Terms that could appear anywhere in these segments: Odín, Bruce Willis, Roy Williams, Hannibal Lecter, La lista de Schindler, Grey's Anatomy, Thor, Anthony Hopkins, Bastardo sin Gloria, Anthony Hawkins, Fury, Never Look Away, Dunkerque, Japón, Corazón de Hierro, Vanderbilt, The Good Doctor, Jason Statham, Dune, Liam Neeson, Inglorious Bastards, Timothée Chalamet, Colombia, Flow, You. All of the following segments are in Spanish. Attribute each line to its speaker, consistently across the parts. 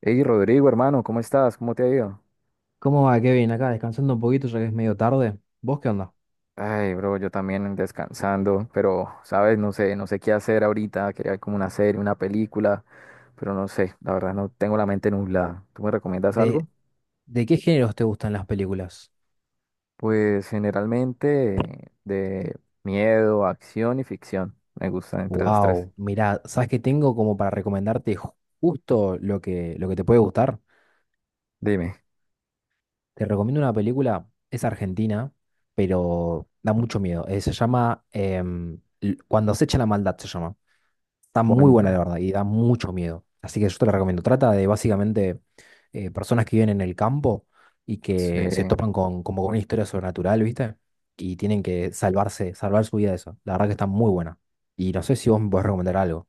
Speaker 1: Hey Rodrigo, hermano, ¿cómo estás? ¿Cómo te ha ido?
Speaker 2: ¿Cómo va, Kevin? Acá descansando un poquito ya que es medio tarde. ¿Vos qué onda?
Speaker 1: Ay, bro, yo también descansando, pero, sabes, no sé qué hacer ahorita, quería ver como una serie, una película, pero no sé, la verdad no tengo la mente nublada. ¿Tú me recomiendas algo?
Speaker 2: ¿De, de qué géneros te gustan las películas?
Speaker 1: Pues generalmente de miedo, acción y ficción. Me gustan entre esas tres.
Speaker 2: Wow, mirá, ¿sabes qué tengo como para recomendarte justo lo que te puede gustar?
Speaker 1: Dime,
Speaker 2: Te recomiendo una película, es argentina, pero da mucho miedo. Se llama Cuando se echa la maldad, se llama. Está muy buena, la
Speaker 1: ¿cuánta?
Speaker 2: verdad, y da mucho miedo. Así que yo te la recomiendo. Trata de básicamente personas que viven en el campo y
Speaker 1: Sí.
Speaker 2: que se topan con, como con una historia sobrenatural, ¿viste? Y tienen que salvarse, salvar su vida de eso. La verdad que está muy buena. Y no sé si vos me podés recomendar algo.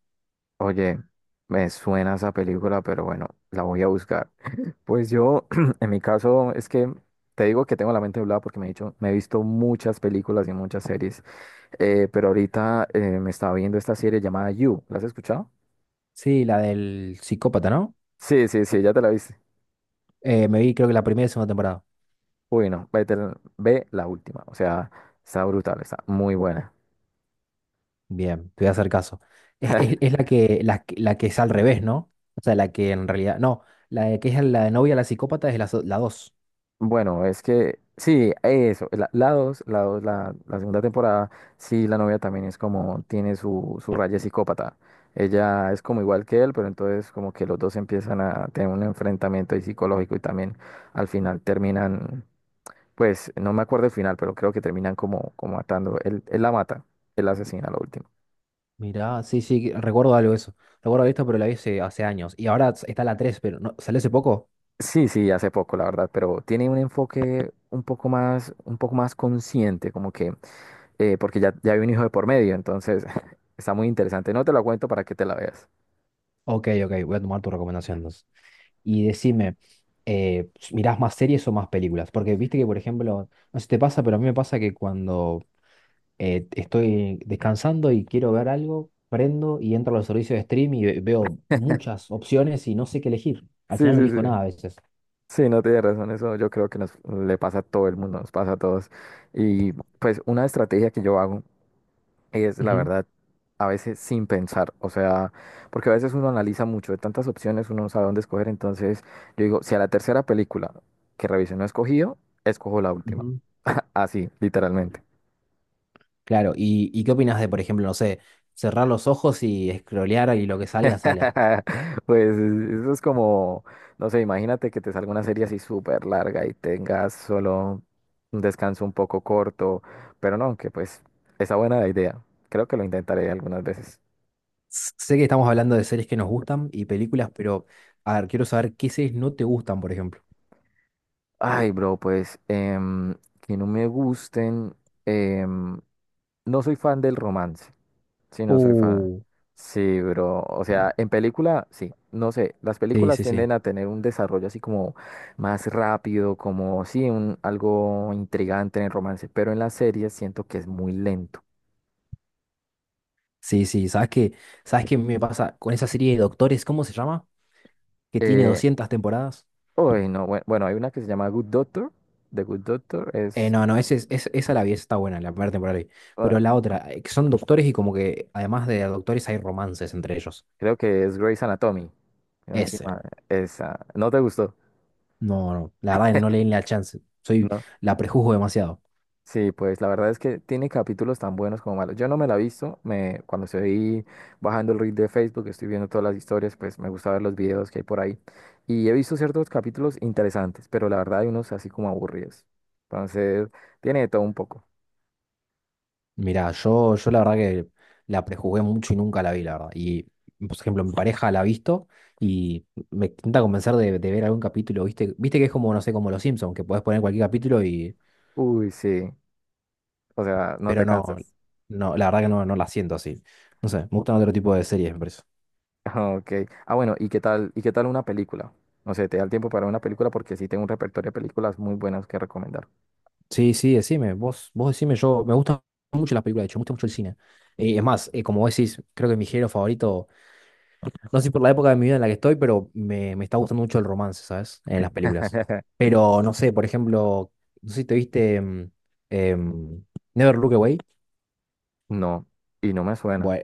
Speaker 1: Oye, me suena esa película, pero bueno, la voy a buscar. Pues yo, en mi caso, es que te digo que tengo la mente nublada porque me he visto muchas películas y muchas series, pero ahorita me estaba viendo esta serie llamada You. ¿La has escuchado?
Speaker 2: Sí, la del psicópata, ¿no?
Speaker 1: Sí, sí, sí, ya te la viste.
Speaker 2: Me vi creo que la primera y segunda temporada.
Speaker 1: Uy, no, ve la última. O sea, está brutal, está muy buena.
Speaker 2: Bien, te voy a hacer caso. Es, es- es la que, la, que la que es al revés, ¿no? O sea, la que en realidad. No, la de que es la novia la psicópata es la, la dos.
Speaker 1: Bueno, es que sí, eso, la dos, la dos, la segunda temporada, sí, la novia también es como, tiene su raya psicópata. Ella es como igual que él, pero entonces como que los dos empiezan a tener un enfrentamiento ahí psicológico y también al final terminan, pues no me acuerdo el final, pero creo que terminan como matando. Él la mata, él la asesina, lo último.
Speaker 2: Mirá, sí, sí, recuerdo algo de eso. Recuerdo esto, pero la vi hace, hace años. Y ahora está la tres, pero no, ¿salió hace poco?
Speaker 1: Sí, sí, hace poco, la verdad, pero tiene un enfoque un poco más consciente, como que porque ya hay un hijo de por medio, entonces está muy interesante. No te lo cuento para que te la veas.
Speaker 2: Ok, ok, voy a tomar tu recomendación entonces. Y decime, ¿mirás más series o más películas? Porque viste que, por ejemplo, no sé si te pasa, pero a mí me pasa que cuando estoy descansando y quiero ver algo, prendo y entro a los servicios de stream y veo muchas opciones y no sé qué elegir. Al
Speaker 1: Sí,
Speaker 2: final no
Speaker 1: sí,
Speaker 2: elijo
Speaker 1: sí.
Speaker 2: nada a veces.
Speaker 1: Sí, no tienes razón, eso yo creo que nos le pasa a todo el mundo, nos pasa a todos. Y pues una estrategia que yo hago es, la
Speaker 2: Ujú,
Speaker 1: verdad, a veces sin pensar, o sea, porque a veces uno analiza mucho, de tantas opciones uno no sabe dónde escoger, entonces yo digo, si a la tercera película que revise no he escogido, escojo la última,
Speaker 2: ujú.
Speaker 1: así, literalmente.
Speaker 2: Claro, y qué opinas de, por ejemplo, no sé, cerrar los ojos y scrollear y lo que salga, salga?
Speaker 1: Pues eso es como, no sé, imagínate que te salga una serie así súper larga y tengas solo un descanso un poco corto, pero no, que pues está buena la idea. Creo que lo intentaré algunas veces.
Speaker 2: Sé que estamos hablando de series que nos gustan y películas, pero a ver, quiero saber qué series no te gustan, por ejemplo.
Speaker 1: Ay, bro, pues que no me gusten, em, no soy fan del romance. Sí, no soy fan.
Speaker 2: Uh,
Speaker 1: Sí, bro. O sea, en película, sí. No sé, las
Speaker 2: sí,
Speaker 1: películas
Speaker 2: sí, sí.
Speaker 1: tienden a tener un desarrollo así como más rápido, como sí, algo intrigante en el romance, pero en las series siento que es muy lento.
Speaker 2: Sí, sí, ¿sabes qué? ¿Sabes qué me pasa con esa serie de Doctores? ¿Cómo se llama? Que tiene
Speaker 1: Eh,
Speaker 2: 200 temporadas.
Speaker 1: Uy, no, bueno, hay una que se llama Good Doctor. The Good Doctor es,
Speaker 2: No, no, ese, esa la vi, esa está buena, la primera temporada la vi.
Speaker 1: ah,
Speaker 2: Pero la otra, que son doctores y como que además de doctores hay romances entre ellos.
Speaker 1: creo que es Grey's Anatomy. No, estoy
Speaker 2: Ese.
Speaker 1: mal. Esa, ¿no te gustó?
Speaker 2: No, no, la verdad que no le di la chance. Soy,
Speaker 1: ¿No?
Speaker 2: la prejuzgo demasiado.
Speaker 1: Sí, pues la verdad es que tiene capítulos tan buenos como malos. Yo no me la he visto, cuando estoy bajando el read de Facebook, estoy viendo todas las historias, pues me gusta ver los videos que hay por ahí. Y he visto ciertos capítulos interesantes, pero la verdad hay unos así como aburridos. Entonces, tiene de todo un poco.
Speaker 2: Mirá, yo la verdad que la prejuzgué mucho y nunca la vi, la verdad. Y, por ejemplo, mi pareja la ha visto y me intenta convencer de ver algún capítulo, ¿viste? Viste que es como, no sé, como Los Simpsons, que podés poner cualquier capítulo y...
Speaker 1: Uy, sí, o sea, no te
Speaker 2: Pero no,
Speaker 1: cansas.
Speaker 2: no, la verdad que no, no la siento así. No sé, me gustan otro tipo de series, me parece.
Speaker 1: Ok. Ah, bueno, ¿y qué tal una película? No sé, ¿te da el tiempo para una película? Porque sí tengo un repertorio de películas muy buenas que recomendar.
Speaker 2: Sí, sí, decime, vos decime, yo me gustan mucho las películas, de hecho, me gusta mucho el cine. Es más, como vos decís, creo que mi género favorito, no sé si por la época de mi vida en la que estoy, pero me está gustando mucho el romance, ¿sabes? En las películas. Pero no sé, por ejemplo, no sé si te viste em, Never Look Away.
Speaker 1: No, y no me suena.
Speaker 2: Bueno,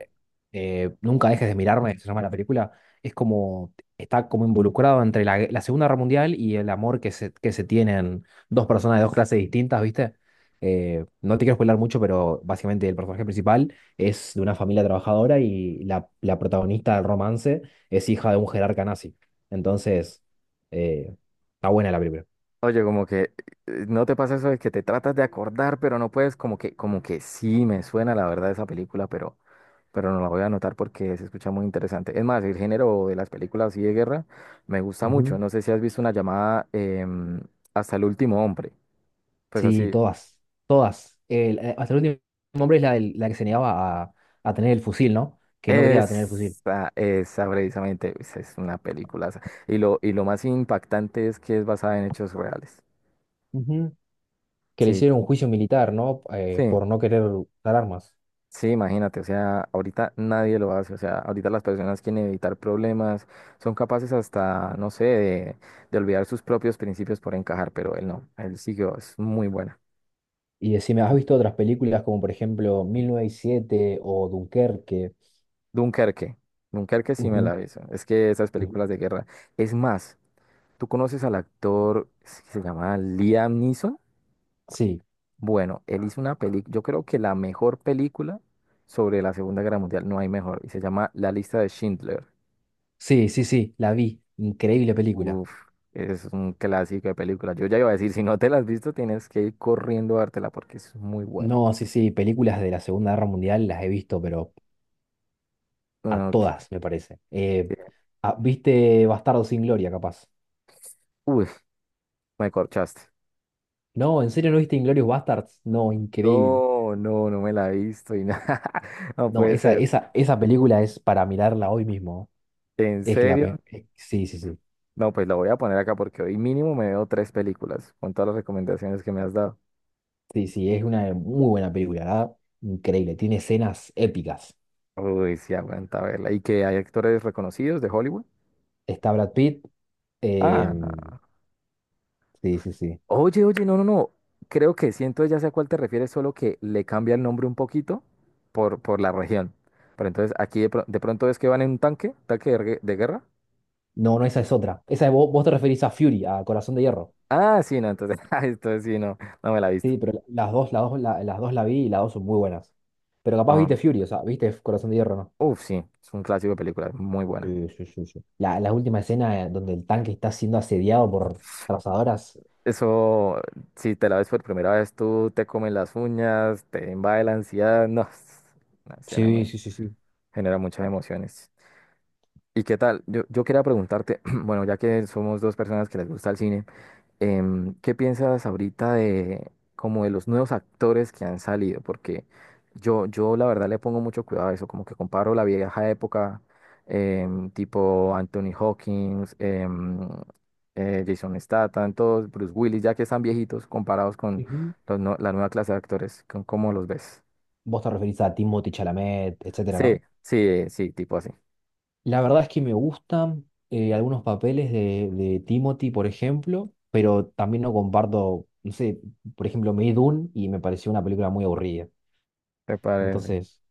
Speaker 2: nunca dejes de mirarme, se llama la película. Es como, está como involucrado entre la, la Segunda Guerra Mundial y el amor que se tienen dos personas de dos clases distintas, ¿viste? No te quiero spoiler mucho, pero básicamente el personaje principal es de una familia trabajadora y la protagonista del romance es hija de un jerarca nazi. Entonces, eh, está buena la película.
Speaker 1: Oye, como que no te pasa eso de que te tratas de acordar, pero no puedes, como que sí me suena la verdad esa película, pero no la voy a anotar porque se escucha muy interesante. Es más, el género de las películas así de guerra me gusta mucho.
Speaker 2: Ujú.
Speaker 1: No sé si has visto una llamada Hasta el último hombre. Pues
Speaker 2: Sí,
Speaker 1: así,
Speaker 2: todas, todas. Hasta el último hombre es la, la que se negaba a tener el fusil, ¿no? Que no quería tener el fusil.
Speaker 1: esa precisamente, pues, es una película. Y lo más impactante es que es basada en hechos reales.
Speaker 2: Ujú. Que le
Speaker 1: Sí,
Speaker 2: hicieron un juicio militar, ¿no?
Speaker 1: sí.
Speaker 2: Por no querer usar armas.
Speaker 1: Sí, imagínate, o sea, ahorita nadie lo hace, o sea, ahorita las personas quieren evitar problemas, son capaces hasta, no sé, de, olvidar sus propios principios por encajar, pero él no, él siguió, es muy buena.
Speaker 2: Y decime, ¿has visto otras películas como por ejemplo 1907 o Dunkerque?
Speaker 1: Dunkerque, Dunkerque sí me la
Speaker 2: Ujú,
Speaker 1: aviso, es que esas
Speaker 2: ujú.
Speaker 1: películas de guerra, es más, ¿tú conoces al actor, es que se llama Liam Neeson?
Speaker 2: Sí,
Speaker 1: Bueno, él hizo una película, yo creo que la mejor película sobre la Segunda Guerra Mundial, no hay mejor, y se llama La lista de Schindler.
Speaker 2: sí, sí, sí, la vi. Increíble película.
Speaker 1: Uf, es un clásico de película. Yo ya iba a decir, si no te la has visto, tienes que ir corriendo a dártela porque es muy buena.
Speaker 2: No, sí, sí, películas de la Segunda Guerra Mundial las he visto, pero a
Speaker 1: No,
Speaker 2: todas, me parece.
Speaker 1: que-
Speaker 2: Ah, ¿viste Bastardo sin Gloria, capaz?
Speaker 1: Uy, me corchaste.
Speaker 2: No, ¿en serio no viste Inglorious Bastards? No, increíble.
Speaker 1: No, no, no me la he visto y nada. No
Speaker 2: No,
Speaker 1: puede
Speaker 2: esa,
Speaker 1: ser.
Speaker 2: esa, esa película es para mirarla hoy mismo.
Speaker 1: ¿En
Speaker 2: Es
Speaker 1: serio?
Speaker 2: sí, sí, sí.
Speaker 1: No, pues la voy a poner acá porque hoy mínimo me veo tres películas con todas las recomendaciones que me has dado.
Speaker 2: Sí, sí, es una muy buena película, ¿verdad? Increíble. Tiene escenas épicas.
Speaker 1: Uy, sí, aguanta verla. ¿Y que hay actores reconocidos de Hollywood?
Speaker 2: Está Brad Pitt.
Speaker 1: Ah,
Speaker 2: em,
Speaker 1: no.
Speaker 2: sí, sí, sí.
Speaker 1: Oye, oye, no, no, no. Creo que siento ya sé a cuál te refieres, solo que le cambia el nombre un poquito por la región. Pero entonces aquí de pronto es que van en un tanque, tanque de guerra.
Speaker 2: No, no, esa es otra. Esa vos, vos te referís a Fury, a Corazón de Hierro.
Speaker 1: Ah, sí, no, entonces, esto sí, no, no me la he visto.
Speaker 2: Sí, pero las dos, las dos, las dos la vi y las dos son muy buenas. Pero capaz viste
Speaker 1: Um,
Speaker 2: Fury, o sea, viste Corazón de Hierro, ¿no?
Speaker 1: Uf, sí, es un clásico de película, muy buena.
Speaker 2: Sí, sí, sí, sí. La última escena donde el tanque está siendo asediado por trazadoras.
Speaker 1: Eso, si te la ves por primera vez, tú te comes las uñas, te invade la ansiedad, no, es una escena
Speaker 2: Sí,
Speaker 1: muy,
Speaker 2: sí, sí, sí.
Speaker 1: genera muchas emociones. ¿Y qué tal? Yo quería preguntarte, bueno, ya que somos dos personas que les gusta el cine. ¿Qué piensas ahorita de como de los nuevos actores que han salido? Porque yo la verdad le pongo mucho cuidado a eso, como que comparo la vieja época, tipo Anthony Hawkins, Jason Statham, todos, Bruce Willis, ya que están viejitos comparados con
Speaker 2: Ujú.
Speaker 1: los no- la nueva clase de actores, ¿cómo los ves?
Speaker 2: Vos te referís a Timothée Chalamet, etcétera,
Speaker 1: Sí,
Speaker 2: ¿no?
Speaker 1: sí, sí, tipo así.
Speaker 2: La verdad es que me gustan algunos papeles de Timothy, por ejemplo, pero también no comparto, no sé, por ejemplo, me vi Dune y me pareció una película muy aburrida.
Speaker 1: ¿Te parece?
Speaker 2: Entonces,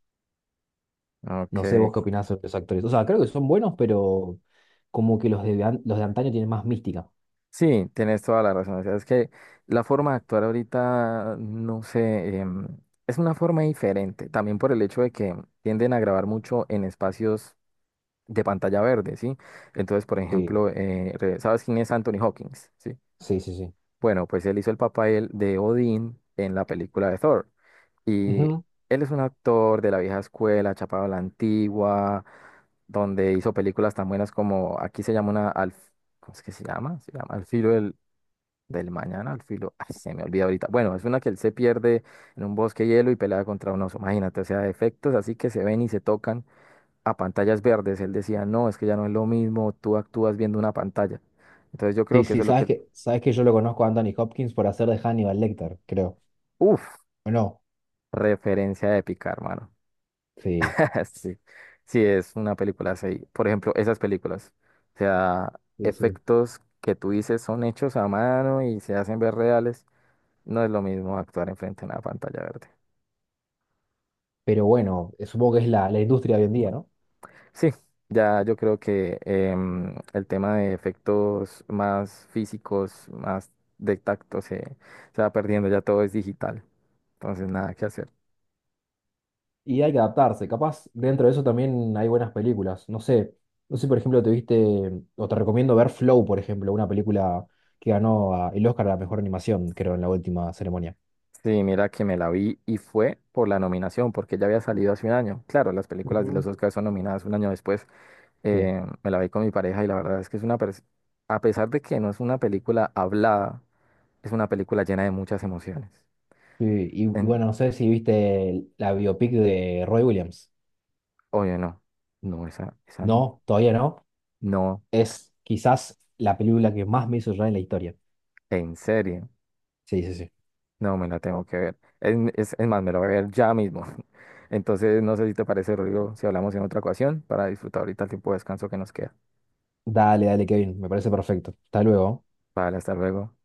Speaker 1: Ok.
Speaker 2: no sé vos qué opinás sobre los actores. O sea, creo que son buenos, pero como que los de, los de antaño tienen más mística.
Speaker 1: Sí, tienes toda la razón. O sea, es que la forma de actuar ahorita, no sé, es una forma diferente. También por el hecho de que tienden a grabar mucho en espacios de pantalla verde, ¿sí? Entonces, por
Speaker 2: Sí,
Speaker 1: ejemplo, ¿sabes quién es Anthony Hawkins? ¿Sí?
Speaker 2: sí, sí, sí.
Speaker 1: Bueno, pues él hizo el papel de Odín en la película de Thor. Y
Speaker 2: Ujú.
Speaker 1: él es un actor de la vieja escuela, chapado a la antigua, donde hizo películas tan buenas como, aquí se llama una, ¿cómo es que se llama? Se llama Al filo del, mañana al filo. Ay, se me olvida ahorita. Bueno, es una que él se pierde en un bosque de hielo y pelea contra un oso. Imagínate, o sea, efectos así que se ven y se tocan a pantallas verdes. Él decía, no, es que ya no es lo mismo, tú actúas viendo una pantalla. Entonces yo
Speaker 2: Sí,
Speaker 1: creo que eso
Speaker 2: sí,
Speaker 1: es lo que...
Speaker 2: sabes que yo lo conozco a Anthony Hopkins por hacer de Hannibal Lecter, creo.
Speaker 1: Uf,
Speaker 2: ¿O no?
Speaker 1: referencia épica, hermano.
Speaker 2: Sí,
Speaker 1: Sí, sí, es una película así. Por ejemplo, esas películas. O sea,
Speaker 2: sí, sí.
Speaker 1: efectos que tú dices son hechos a mano y se hacen ver reales. No es lo mismo actuar enfrente de una pantalla verde.
Speaker 2: Pero bueno, supongo que es la, la industria hoy en día, ¿no?
Speaker 1: Sí, ya yo creo que el tema de efectos más físicos, más de tacto, se va perdiendo, ya todo es digital, entonces nada que hacer.
Speaker 2: Y hay que adaptarse. Capaz dentro de eso también hay buenas películas. No sé, no sé, por ejemplo, te viste, mm, o te recomiendo ver Flow, por ejemplo, una película que ganó el Oscar a la mejor animación, creo, en la última ceremonia.
Speaker 1: Sí, mira que me la vi y fue por la nominación, porque ya había salido hace un año. Claro, las películas de los
Speaker 2: Ujú.
Speaker 1: Oscars son nominadas un año después.
Speaker 2: Sí.
Speaker 1: Me la vi con mi pareja y la verdad es que es a pesar de que no es una película hablada, es una película llena de muchas emociones.
Speaker 2: Sí, y
Speaker 1: En-
Speaker 2: bueno, no sé si viste la biopic de Roy Williams.
Speaker 1: oye, no, no, esa no,
Speaker 2: No, todavía no.
Speaker 1: no,
Speaker 2: Es quizás la película que más me hizo llorar en la historia.
Speaker 1: en serio.
Speaker 2: Sí, sí, sí.
Speaker 1: No, me la tengo que ver. Es más, me la voy a ver ya mismo. Entonces, no sé si te parece, Rodrigo, si hablamos en otra ocasión para disfrutar ahorita el tiempo de descanso que nos queda.
Speaker 2: Dale, dale, Kevin, me parece perfecto. Hasta luego.
Speaker 1: Vale, hasta luego.